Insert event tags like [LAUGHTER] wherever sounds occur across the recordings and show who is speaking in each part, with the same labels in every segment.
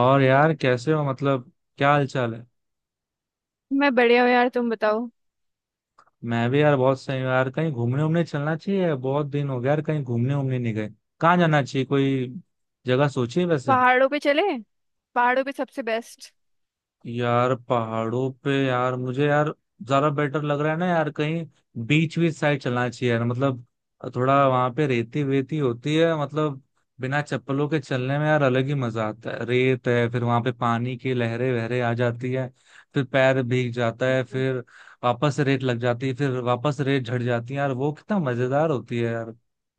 Speaker 1: और यार कैसे हो मतलब क्या हाल चाल है।
Speaker 2: मैं बढ़िया हूँ यार। तुम बताओ।
Speaker 1: मैं भी यार बहुत सही हूँ यार। कहीं घूमने उमने चलना चाहिए, बहुत दिन हो गया यार कहीं घूमने उमने नहीं गए। कहाँ जाना चाहिए, कोई जगह सोची है वैसे?
Speaker 2: पहाड़ों पे चले। पहाड़ों पे सबसे बेस्ट।
Speaker 1: यार पहाड़ों पे यार मुझे यार ज्यादा बेटर लग रहा है ना यार। कहीं बीच बीच साइड चलना चाहिए यार मतलब। थोड़ा वहां पे रेती वेती होती है मतलब, बिना चप्पलों के चलने में यार अलग ही मजा आता है। रेत है फिर वहां पे पानी की लहरें वहरे आ जाती है, फिर पैर भीग जाता है, फिर वापस रेत लग जाती है, फिर वापस रेत झड़ जाती है यार। वो कितना मजेदार होती है यार।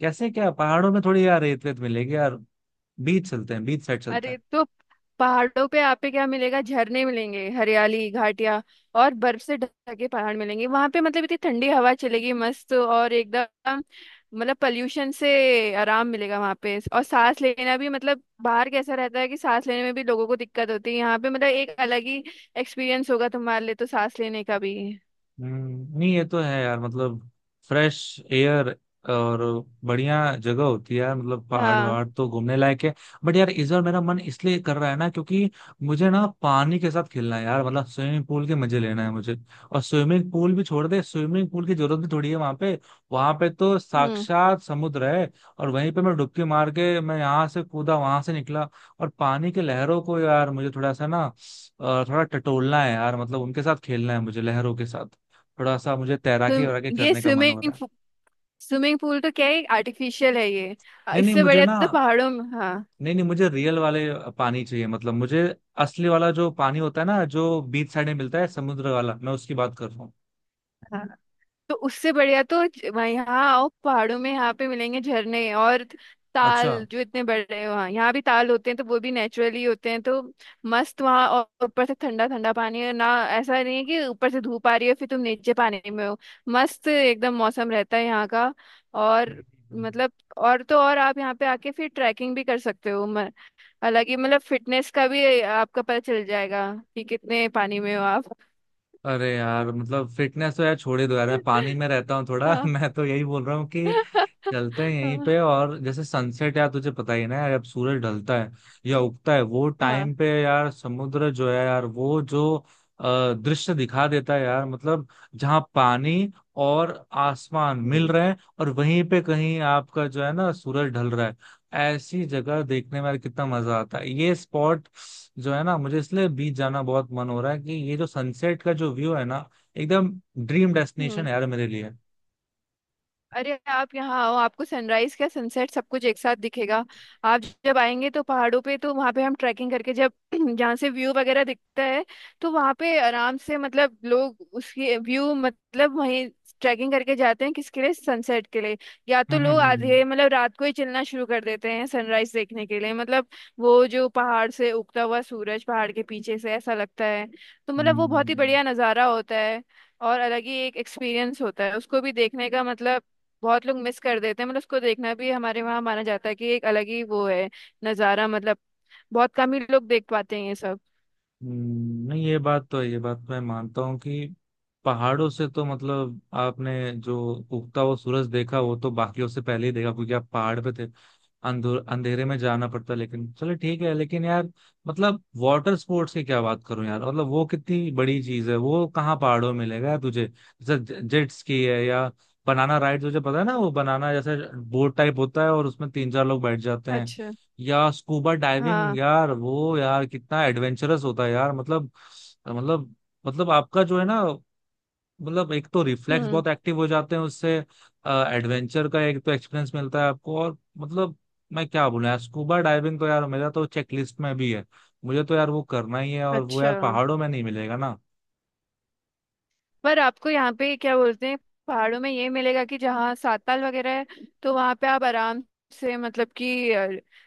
Speaker 1: कैसे क्या पहाड़ों में थोड़ी यार रेत वेत मिलेगी यार। बीच चलते हैं, बीच साइड चलते
Speaker 2: अरे
Speaker 1: हैं।
Speaker 2: तो पहाड़ों पे आप पे क्या मिलेगा? झरने मिलेंगे, हरियाली, घाटियां और बर्फ से ढके पहाड़ मिलेंगे वहां पे। मतलब इतनी ठंडी हवा चलेगी मस्त और एकदम मतलब पॉल्यूशन से आराम मिलेगा वहां पे। और सांस लेना भी मतलब, बाहर कैसा रहता है कि सांस लेने में भी लोगों को दिक्कत होती है। यहाँ पे मतलब एक अलग ही एक्सपीरियंस होगा तुम्हारे लिए तो, सांस लेने का भी।
Speaker 1: नहीं ये तो है यार मतलब फ्रेश एयर और बढ़िया जगह होती है यार। मतलब पहाड़
Speaker 2: हाँ।
Speaker 1: वहाड़ तो घूमने लायक है। बट यार इस बार मेरा मन इसलिए कर रहा है ना क्योंकि मुझे ना पानी के साथ खेलना है यार। मतलब स्विमिंग पूल के मजे लेना है मुझे। और स्विमिंग पूल भी छोड़ दे, स्विमिंग पूल की जरूरत भी थोड़ी है वहां पे। वहां पे तो
Speaker 2: हम्म
Speaker 1: साक्षात समुद्र है। और वहीं पे मैं डुबकी मार के मैं यहाँ से कूदा वहां से निकला। और पानी के लहरों को यार मुझे थोड़ा सा ना थोड़ा टटोलना है यार। मतलब उनके साथ खेलना है मुझे लहरों के साथ। थोड़ा सा मुझे तैराकी
Speaker 2: तुम
Speaker 1: वैराकी
Speaker 2: ये
Speaker 1: करने का मन हो
Speaker 2: स्विमिंग
Speaker 1: रहा है।
Speaker 2: स्विमिंग पूल तो क्या है, आर्टिफिशियल है ये।
Speaker 1: नहीं नहीं
Speaker 2: इससे
Speaker 1: मुझे
Speaker 2: बढ़िया
Speaker 1: ना,
Speaker 2: तो पहाड़ों में। हाँ
Speaker 1: नहीं नहीं मुझे रियल वाले पानी चाहिए। मतलब मुझे असली वाला जो पानी होता है ना, जो बीच साइड में मिलता है, समुद्र वाला, मैं उसकी बात कर रहा हूँ।
Speaker 2: हाँ, तो उससे बढ़िया तो वहाँ यहाँ आओ पहाड़ों में। यहाँ पे मिलेंगे झरने और
Speaker 1: अच्छा।
Speaker 2: ताल जो इतने बड़े हैं। वहाँ यहाँ भी ताल होते हैं तो वो भी नेचुरली होते हैं, तो मस्त वहाँ। और ऊपर से ठंडा ठंडा पानी है ना। ऐसा नहीं है कि ऊपर से धूप आ रही है फिर तुम नीचे पानी में हो। मस्त एकदम मौसम रहता है यहाँ का। और
Speaker 1: हम्म, हम्म।
Speaker 2: मतलब और तो और, आप यहाँ पे आके फिर ट्रैकिंग भी कर सकते हो। हालांकि मतलब फिटनेस का भी आपका पता चल जाएगा, कि कितने पानी में हो आप।
Speaker 1: अरे यार मतलब फिटनेस तो यार छोड़ ही दो यार, मैं पानी
Speaker 2: [LAUGHS]
Speaker 1: में रहता हूँ थोड़ा [LAUGHS]
Speaker 2: हाँ।
Speaker 1: मैं तो यही बोल रहा हूँ कि
Speaker 2: [LAUGHS]
Speaker 1: चलते हैं
Speaker 2: हाँ
Speaker 1: यहीं
Speaker 2: हाँ।
Speaker 1: पे। और जैसे सनसेट यार तुझे पता ही है ना यार, अब सूरज ढलता है या उगता है वो
Speaker 2: हाँ,
Speaker 1: टाइम पे यार समुद्र जो है यार वो जो दृश्य दिखा देता है यार। मतलब जहाँ पानी और आसमान मिल
Speaker 2: हम्म
Speaker 1: रहे हैं, और वहीं पे कहीं आपका जो है ना सूरज ढल रहा है। ऐसी जगह देखने में यार कितना मजा आता है। ये स्पॉट जो है ना, मुझे इसलिए बीच जाना बहुत मन हो रहा है कि ये जो सनसेट का जो व्यू है ना, एकदम ड्रीम
Speaker 2: हम्म
Speaker 1: डेस्टिनेशन है यार मेरे लिए।
Speaker 2: अरे आप यहाँ आओ, आपको सनराइज क्या सनसेट सब कुछ एक साथ दिखेगा। आप जब आएंगे तो पहाड़ों पे, तो वहाँ पे हम ट्रैकिंग करके जब [CLEARS THROAT] जहाँ से व्यू वगैरह दिखता है तो वहाँ पे आराम से मतलब लोग उसकी व्यू मतलब वहीं ट्रैकिंग करके जाते हैं, किसके लिए? सनसेट के लिए। या तो लोग
Speaker 1: हम्म।
Speaker 2: आधे मतलब रात को ही चलना शुरू कर देते हैं सनराइज देखने के लिए। मतलब वो जो पहाड़ से उगता हुआ सूरज पहाड़ के पीछे से, ऐसा लगता है तो मतलब वो बहुत ही
Speaker 1: हम्म।
Speaker 2: बढ़िया नज़ारा होता है। और अलग ही एक एक्सपीरियंस होता है उसको भी देखने का। मतलब बहुत लोग मिस कर देते हैं, मतलब उसको देखना भी हमारे वहाँ माना जाता है कि एक अलग ही वो है नज़ारा। मतलब बहुत कम ही लोग देख पाते हैं ये सब।
Speaker 1: नहीं ये बात तो है, ये बात मैं मानता हूँ कि पहाड़ों से तो मतलब आपने जो उगता हुआ सूरज देखा वो तो बाकियों से पहले ही देखा क्योंकि आप पहाड़ पे थे। अंधेरे में जाना पड़ता लेकिन चलो ठीक है। लेकिन यार मतलब वाटर स्पोर्ट्स की क्या बात करूं यार, मतलब वो कितनी बड़ी चीज है, वो कहाँ पहाड़ों में मिलेगा यार तुझे। जैसे जेट स्की है या बनाना राइड, तुझे पता है ना वो बनाना जैसे बोट टाइप होता है और उसमें तीन चार लोग बैठ जाते हैं।
Speaker 2: अच्छा।
Speaker 1: या स्कूबा डाइविंग
Speaker 2: हाँ
Speaker 1: यार, वो यार कितना एडवेंचरस होता है यार। मतलब मतलब आपका जो है ना, मतलब एक तो रिफ्लेक्स
Speaker 2: हम्म
Speaker 1: बहुत एक्टिव हो जाते हैं उससे। एडवेंचर का एक तो एक्सपीरियंस मिलता है आपको। और मतलब मैं क्या बोलूं यार, स्कूबा डाइविंग तो यार मेरा तो चेकलिस्ट में भी है। मुझे तो यार वो करना ही है, और वो
Speaker 2: अच्छा,
Speaker 1: यार पहाड़ों में नहीं मिलेगा ना।
Speaker 2: पर आपको यहाँ पे क्या बोलते हैं पहाड़ों में ये मिलेगा कि जहाँ साताल वगैरह है तो वहाँ पे आप आराम से मतलब कि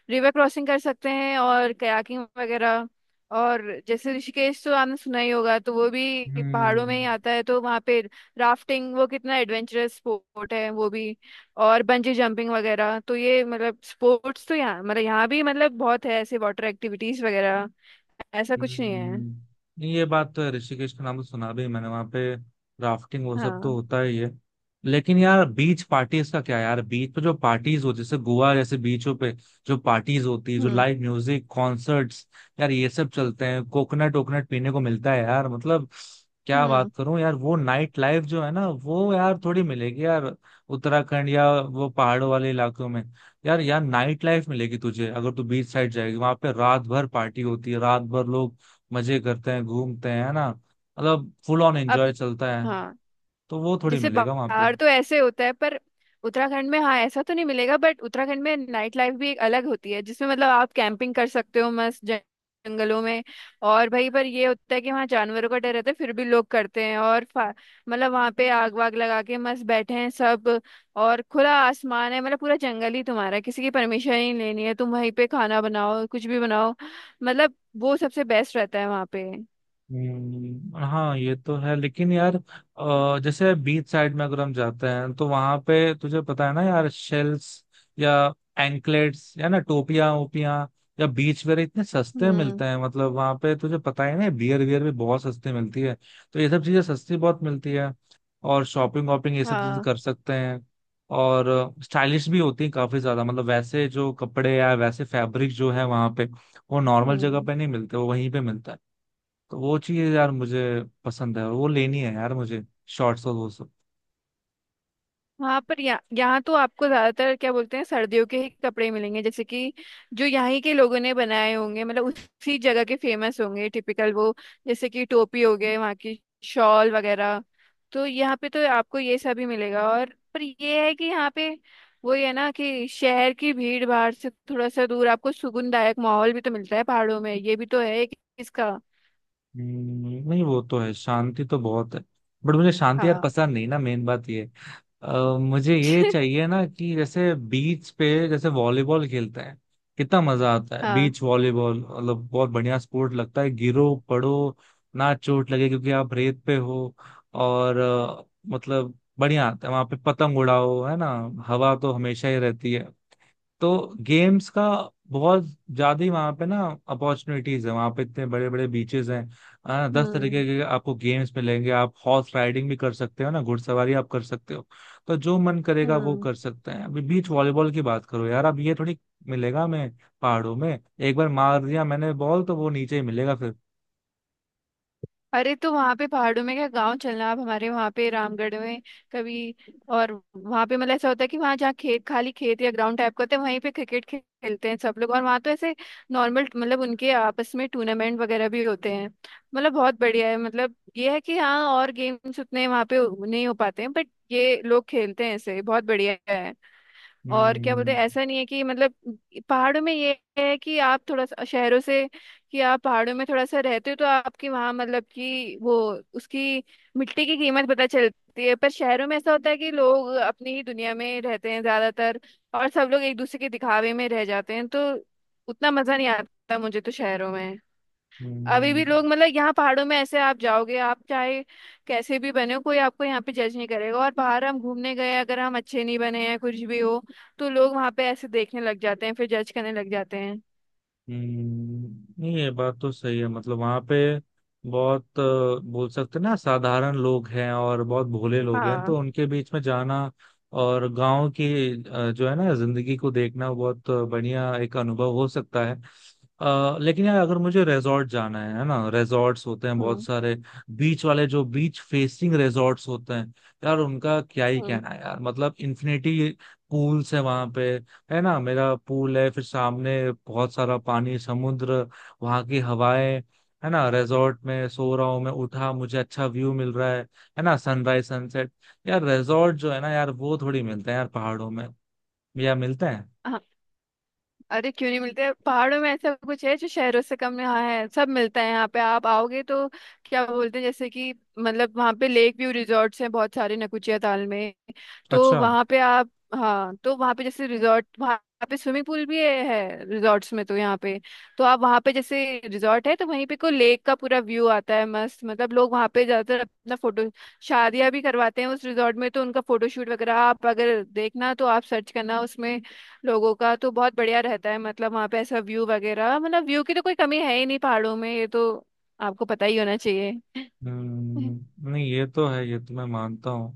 Speaker 2: रिवर क्रॉसिंग कर सकते हैं और कयाकिंग वगैरह। और जैसे ऋषिकेश तो आपने सुना ही होगा, तो वो भी पहाड़ों में ही
Speaker 1: हम्म।
Speaker 2: आता है। तो वहाँ पे राफ्टिंग, वो कितना एडवेंचरस स्पोर्ट है वो भी। और बंजी जंपिंग वगैरह, तो ये मतलब स्पोर्ट्स तो यहाँ मतलब यहाँ भी मतलब बहुत है। ऐसे वाटर एक्टिविटीज वगैरह ऐसा कुछ नहीं है।
Speaker 1: हम्म, नहीं, ये बात तो है। ऋषिकेश का नाम तो सुना भी है मैंने, वहां पे राफ्टिंग वो सब तो
Speaker 2: हाँ।
Speaker 1: होता ही है। लेकिन यार बीच पार्टीज का क्या यार, बीच पे जो पार्टीज होती है जैसे गोवा जैसे बीचों पे, जो पार्टीज होती है, जो
Speaker 2: हम्म
Speaker 1: लाइव म्यूजिक कॉन्सर्ट्स यार, ये सब चलते हैं। कोकोनट वोकोनट पीने को मिलता है यार, मतलब क्या
Speaker 2: हम्म
Speaker 1: बात करूं यार। वो नाइट लाइफ जो है ना, वो यार थोड़ी मिलेगी यार उत्तराखंड या वो पहाड़ों वाले इलाकों में। यार यहाँ नाइट लाइफ मिलेगी तुझे अगर तू बीच साइड जाएगी, वहां पे रात भर पार्टी होती है, रात भर लोग मजे करते हैं घूमते हैं, है ना, मतलब फुल ऑन एंजॉय
Speaker 2: अब
Speaker 1: चलता है।
Speaker 2: हाँ
Speaker 1: तो वो थोड़ी
Speaker 2: जैसे
Speaker 1: मिलेगा वहां पे।
Speaker 2: बाहर तो ऐसे होता है पर उत्तराखंड में हाँ ऐसा तो नहीं मिलेगा, बट उत्तराखंड में नाइट लाइफ भी एक अलग होती है जिसमें मतलब आप कैंपिंग कर सकते हो मस्त जंगलों में। और भाई पर ये होता है कि वहाँ जानवरों का डर रहता है, फिर भी लोग करते हैं। और मतलब वहाँ पे आग वाग लगा के मस्त बैठे हैं सब। और खुला आसमान है, मतलब पूरा जंगल ही तुम्हारा है, किसी की परमिशन नहीं लेनी है, तुम वहीं पे खाना बनाओ कुछ भी बनाओ। मतलब वो सबसे बेस्ट रहता है वहाँ पे।
Speaker 1: हाँ ये तो है। लेकिन यार जैसे बीच साइड में अगर हम जाते हैं तो वहां पे तुझे पता है ना यार शेल्स या एंकलेट्स या ना टोपियां ओपियां या बीच वेयर इतने सस्ते
Speaker 2: हम्म।
Speaker 1: मिलते हैं। मतलब वहां पे तुझे पता है ना बियर वियर भी बहुत सस्ते मिलती है। तो ये सब चीजें सस्ती बहुत मिलती है। और शॉपिंग वॉपिंग ये सब चीजें
Speaker 2: हाँ
Speaker 1: कर सकते हैं। और स्टाइलिश भी होती है काफी ज्यादा। मतलब वैसे जो कपड़े या वैसे फैब्रिक जो है वहां पे, वो नॉर्मल जगह
Speaker 2: हम्म
Speaker 1: पे नहीं मिलते, वो वहीं पे मिलता है। तो वो चीज यार मुझे पसंद है और वो लेनी है यार मुझे, शॉर्ट्स और वो सब।
Speaker 2: हाँ, पर यहाँ यहाँ तो आपको ज्यादातर क्या बोलते हैं सर्दियों के ही कपड़े मिलेंगे, जैसे कि जो यहाँ के लोगों ने बनाए होंगे मतलब उसी जगह के फेमस होंगे टिपिकल वो, जैसे कि टोपी हो गए वहाँ की, शॉल वगैरह। तो यहाँ पे तो आपको ये सब ही मिलेगा। और पर ये है कि यहाँ पे वो है ना कि शहर की भीड़ भाड़ से थोड़ा सा दूर, आपको सुकूनदायक माहौल भी तो मिलता है पहाड़ों में, ये भी तो है कि इसका।
Speaker 1: नहीं वो तो है, शांति तो बहुत है, बट मुझे शांति यार
Speaker 2: हाँ
Speaker 1: पसंद नहीं ना, मेन बात ये। मुझे ये चाहिए ना कि जैसे बीच पे जैसे वॉलीबॉल खेलते हैं, कितना मजा आता है।
Speaker 2: हाँ।
Speaker 1: बीच वॉलीबॉल मतलब बहुत बढ़िया स्पोर्ट लगता है। गिरो पड़ो, ना चोट लगे क्योंकि आप रेत पे हो। और मतलब बढ़िया आता है वहां पे। पतंग उड़ाओ, है ना, हवा तो हमेशा ही रहती है। तो गेम्स का बहुत ज्यादा ही वहां पे ना अपॉर्चुनिटीज है। वहां पे इतने बड़े बड़े बीचेस हैं। दस तरीके
Speaker 2: हम्म
Speaker 1: के आपको गेम्स मिलेंगे। आप हॉर्स राइडिंग भी कर सकते हो ना, घुड़सवारी आप कर सकते हो। तो जो मन करेगा वो
Speaker 2: हम्म
Speaker 1: कर सकते हैं। अभी बीच वॉलीबॉल की बात करो यार, अब ये थोड़ी मिलेगा मैं पहाड़ों में? एक बार मार दिया मैंने बॉल तो वो नीचे ही मिलेगा फिर।
Speaker 2: अरे तो वहां पे पहाड़ों में क्या, गांव चलना आप हमारे वहां पे रामगढ़ में कभी। और वहां पे मतलब ऐसा होता है कि वहां जहाँ खेत, खाली खेत या ग्राउंड टाइप का होता है, वहीं पे क्रिकेट खेलते हैं सब लोग। और वहां तो ऐसे नॉर्मल मतलब उनके आपस में टूर्नामेंट वगैरह भी होते हैं। मतलब बहुत बढ़िया है। मतलब ये है कि हाँ और गेम्स उतने वहां पे नहीं हो पाते हैं बट ये लोग खेलते हैं ऐसे, बहुत बढ़िया है। और क्या बोलते
Speaker 1: हम्म
Speaker 2: हैं ऐसा नहीं है कि मतलब पहाड़ों में ये है कि आप थोड़ा सा शहरों से, कि आप पहाड़ों में थोड़ा सा रहते हो तो आपकी वहाँ मतलब कि वो उसकी मिट्टी की कीमत पता चलती है। पर शहरों में ऐसा होता है कि लोग अपनी ही दुनिया में रहते हैं ज्यादातर, और सब लोग एक दूसरे के दिखावे में रह जाते हैं तो उतना मजा नहीं आता मुझे तो शहरों में। अभी
Speaker 1: हम्म।
Speaker 2: भी लोग मतलब यहाँ पहाड़ों में ऐसे आप जाओगे, आप चाहे कैसे भी बने हो कोई आपको यहाँ पे जज नहीं करेगा। और बाहर हम घूमने गए अगर हम अच्छे नहीं बने हैं कुछ भी हो तो लोग वहाँ पे ऐसे देखने लग जाते हैं, फिर जज करने लग जाते हैं।
Speaker 1: नहीं ये बात तो सही है। मतलब वहां पे बहुत बोल सकते हैं ना साधारण लोग हैं और बहुत भोले लोग हैं,
Speaker 2: हाँ।
Speaker 1: तो उनके बीच में जाना और गांव की जो है ना जिंदगी को देखना बहुत बढ़िया एक अनुभव हो सकता है। लेकिन यार अगर मुझे रिजॉर्ट जाना है ना, रिजॉर्ट्स होते हैं बहुत
Speaker 2: हम्म
Speaker 1: सारे बीच वाले, जो बीच फेसिंग रिजॉर्ट्स होते हैं यार, उनका क्या ही कहना है यार। मतलब इन्फिनिटी पूल्स है वहां पे, है ना, मेरा पूल है फिर सामने बहुत सारा पानी, समुद्र, वहां की हवाएं, है ना रिजॉर्ट में सो रहा हूँ मैं, उठा मुझे अच्छा व्यू मिल रहा है ना सनराइज सनसेट। यार रिजॉर्ट जो है ना यार वो थोड़ी मिलते हैं यार पहाड़ों में, या मिलते हैं?
Speaker 2: हम्म अरे क्यों नहीं मिलते पहाड़ों में, ऐसा कुछ है जो शहरों से कम यहाँ है? सब मिलता है यहाँ पे आप आओगे तो। क्या बोलते हैं, जैसे कि मतलब वहाँ पे लेक व्यू रिजॉर्ट्स हैं बहुत सारे, नकुचिया ताल में। तो
Speaker 1: अच्छा।
Speaker 2: वहाँ पे आप हाँ, तो वहाँ पे जैसे रिजॉर्ट वहाँ पे स्विमिंग पूल भी है रिजॉर्ट्स में तो यहाँ पे। तो आप वहाँ पे जैसे रिजॉर्ट है तो वहीं पे को लेक का पूरा व्यू आता है मस्त। मतलब लोग वहाँ पे ज्यादातर अपना फोटो, शादियां भी करवाते हैं उस रिजॉर्ट में तो उनका फोटोशूट वगैरह आप अगर देखना तो आप सर्च करना उसमें लोगों का, तो बहुत बढ़िया रहता है। मतलब वहाँ पे ऐसा व्यू वगैरह मतलब व्यू की तो कोई कमी है ही नहीं पहाड़ों में, ये तो आपको पता ही होना चाहिए। [LAUGHS]
Speaker 1: नहीं ये तो है, ये तो मैं मानता हूँ।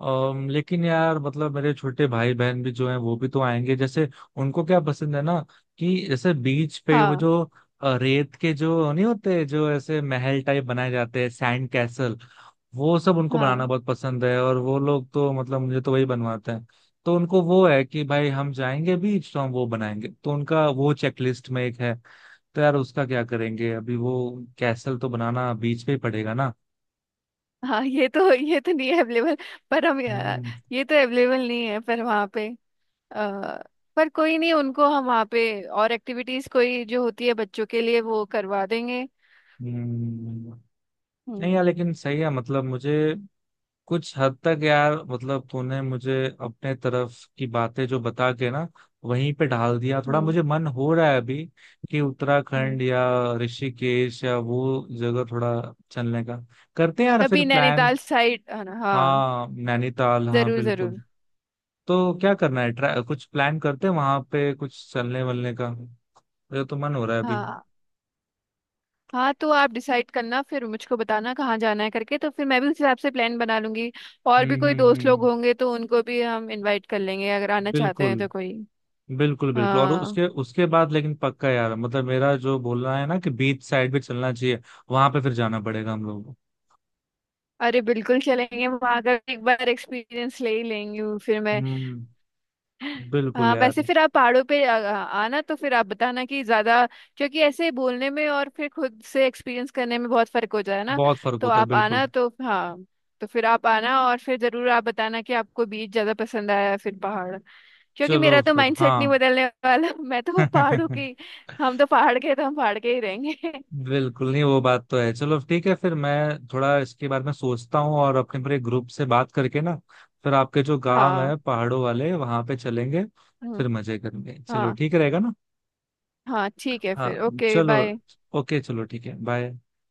Speaker 1: लेकिन यार मतलब मेरे छोटे भाई बहन भी जो हैं वो भी तो आएंगे जैसे, उनको क्या पसंद है ना, कि जैसे बीच पे वो
Speaker 2: हाँ
Speaker 1: जो रेत के जो नहीं होते, जो ऐसे महल टाइप बनाए जाते हैं, सैंड कैसल, वो सब उनको बनाना
Speaker 2: हाँ।
Speaker 1: बहुत पसंद है। और वो लोग तो मतलब मुझे तो वही बनवाते हैं। तो उनको वो है कि भाई हम जाएंगे बीच तो हम वो बनाएंगे, तो उनका वो चेकलिस्ट में एक है। तो यार उसका क्या करेंगे अभी वो, कैसल तो बनाना बीच पे ही पड़ेगा ना।
Speaker 2: हाँ ये तो, ये तो नहीं है अवेलेबल। पर हम
Speaker 1: हम्म।
Speaker 2: ये तो अवेलेबल नहीं है पर वहाँ पे अ, पर कोई नहीं, उनको हम वहाँ पे और एक्टिविटीज कोई जो होती है बच्चों के लिए वो करवा देंगे।
Speaker 1: हम्म। नहीं
Speaker 2: हम्म
Speaker 1: यार लेकिन सही है। मतलब मुझे कुछ हद तक यार मतलब तूने मुझे अपने तरफ की बातें जो बता के ना वहीं पे ढाल दिया
Speaker 2: हम्म
Speaker 1: थोड़ा,
Speaker 2: हम्म।
Speaker 1: मुझे मन हो रहा है अभी कि
Speaker 2: हम्म।
Speaker 1: उत्तराखंड या ऋषिकेश या वो जगह थोड़ा चलने का करते हैं यार फिर
Speaker 2: कभी
Speaker 1: प्लान।
Speaker 2: नैनीताल साइड। हाँ हाँ,
Speaker 1: हाँ नैनीताल हाँ
Speaker 2: जरूर
Speaker 1: बिल्कुल।
Speaker 2: जरूर।
Speaker 1: तो क्या करना है, ट्रा कुछ प्लान करते हैं वहां पे, कुछ चलने वलने का मुझे तो मन हो रहा है अभी।
Speaker 2: हाँ हाँ तो आप डिसाइड करना फिर मुझको बताना कहाँ जाना है करके, तो फिर मैं भी उस हिसाब से प्लान बना लूंगी। और भी कोई दोस्त लोग
Speaker 1: हम्म।
Speaker 2: होंगे तो उनको भी हम इनवाइट कर लेंगे अगर आना चाहते
Speaker 1: बिल्कुल
Speaker 2: हैं तो कोई।
Speaker 1: बिल्कुल बिल्कुल। और
Speaker 2: हाँ
Speaker 1: उसके उसके बाद लेकिन पक्का यार मतलब मेरा जो बोलना है ना कि बीच साइड भी चलना चाहिए, वहां पे फिर जाना पड़ेगा हम लोगों को।
Speaker 2: अरे बिल्कुल चलेंगे, वहां का एक बार एक्सपीरियंस ले ही लेंगी वो फिर मैं।
Speaker 1: हम्म।
Speaker 2: [LAUGHS]
Speaker 1: बिल्कुल
Speaker 2: हाँ,
Speaker 1: यार।
Speaker 2: वैसे फिर आप पहाड़ों पे आ, आ- आना तो फिर आप बताना कि ज्यादा, क्योंकि ऐसे बोलने में और फिर खुद से एक्सपीरियंस करने में बहुत फर्क हो जाए ना।
Speaker 1: बहुत फर्क
Speaker 2: तो
Speaker 1: होता है
Speaker 2: आप
Speaker 1: बिल्कुल।
Speaker 2: आना तो हाँ, तो फिर आप आना और फिर जरूर आप बताना कि आपको बीच ज्यादा पसंद आया या फिर पहाड़। क्योंकि मेरा
Speaker 1: चलो
Speaker 2: तो
Speaker 1: फिर
Speaker 2: माइंडसेट नहीं
Speaker 1: हाँ।
Speaker 2: बदलने वाला। [LAUGHS] मैं तो पहाड़ों की,
Speaker 1: [LAUGHS]
Speaker 2: हम तो पहाड़ के हैं, तो हम पहाड़ के ही रहेंगे। [LAUGHS]
Speaker 1: बिल्कुल। नहीं वो बात तो है। चलो ठीक है फिर, मैं थोड़ा इसके बारे में सोचता हूँ और अपने पूरे ग्रुप से बात करके ना फिर आपके जो गांव है
Speaker 2: हाँ।
Speaker 1: पहाड़ों वाले वहां पे चलेंगे,
Speaker 2: हम्म,
Speaker 1: फिर मजे करेंगे। चलो
Speaker 2: हाँ
Speaker 1: ठीक रहेगा ना।
Speaker 2: हाँ ठीक है
Speaker 1: हाँ
Speaker 2: फिर, ओके
Speaker 1: चलो।
Speaker 2: बाय।
Speaker 1: ओके चलो ठीक है बाय।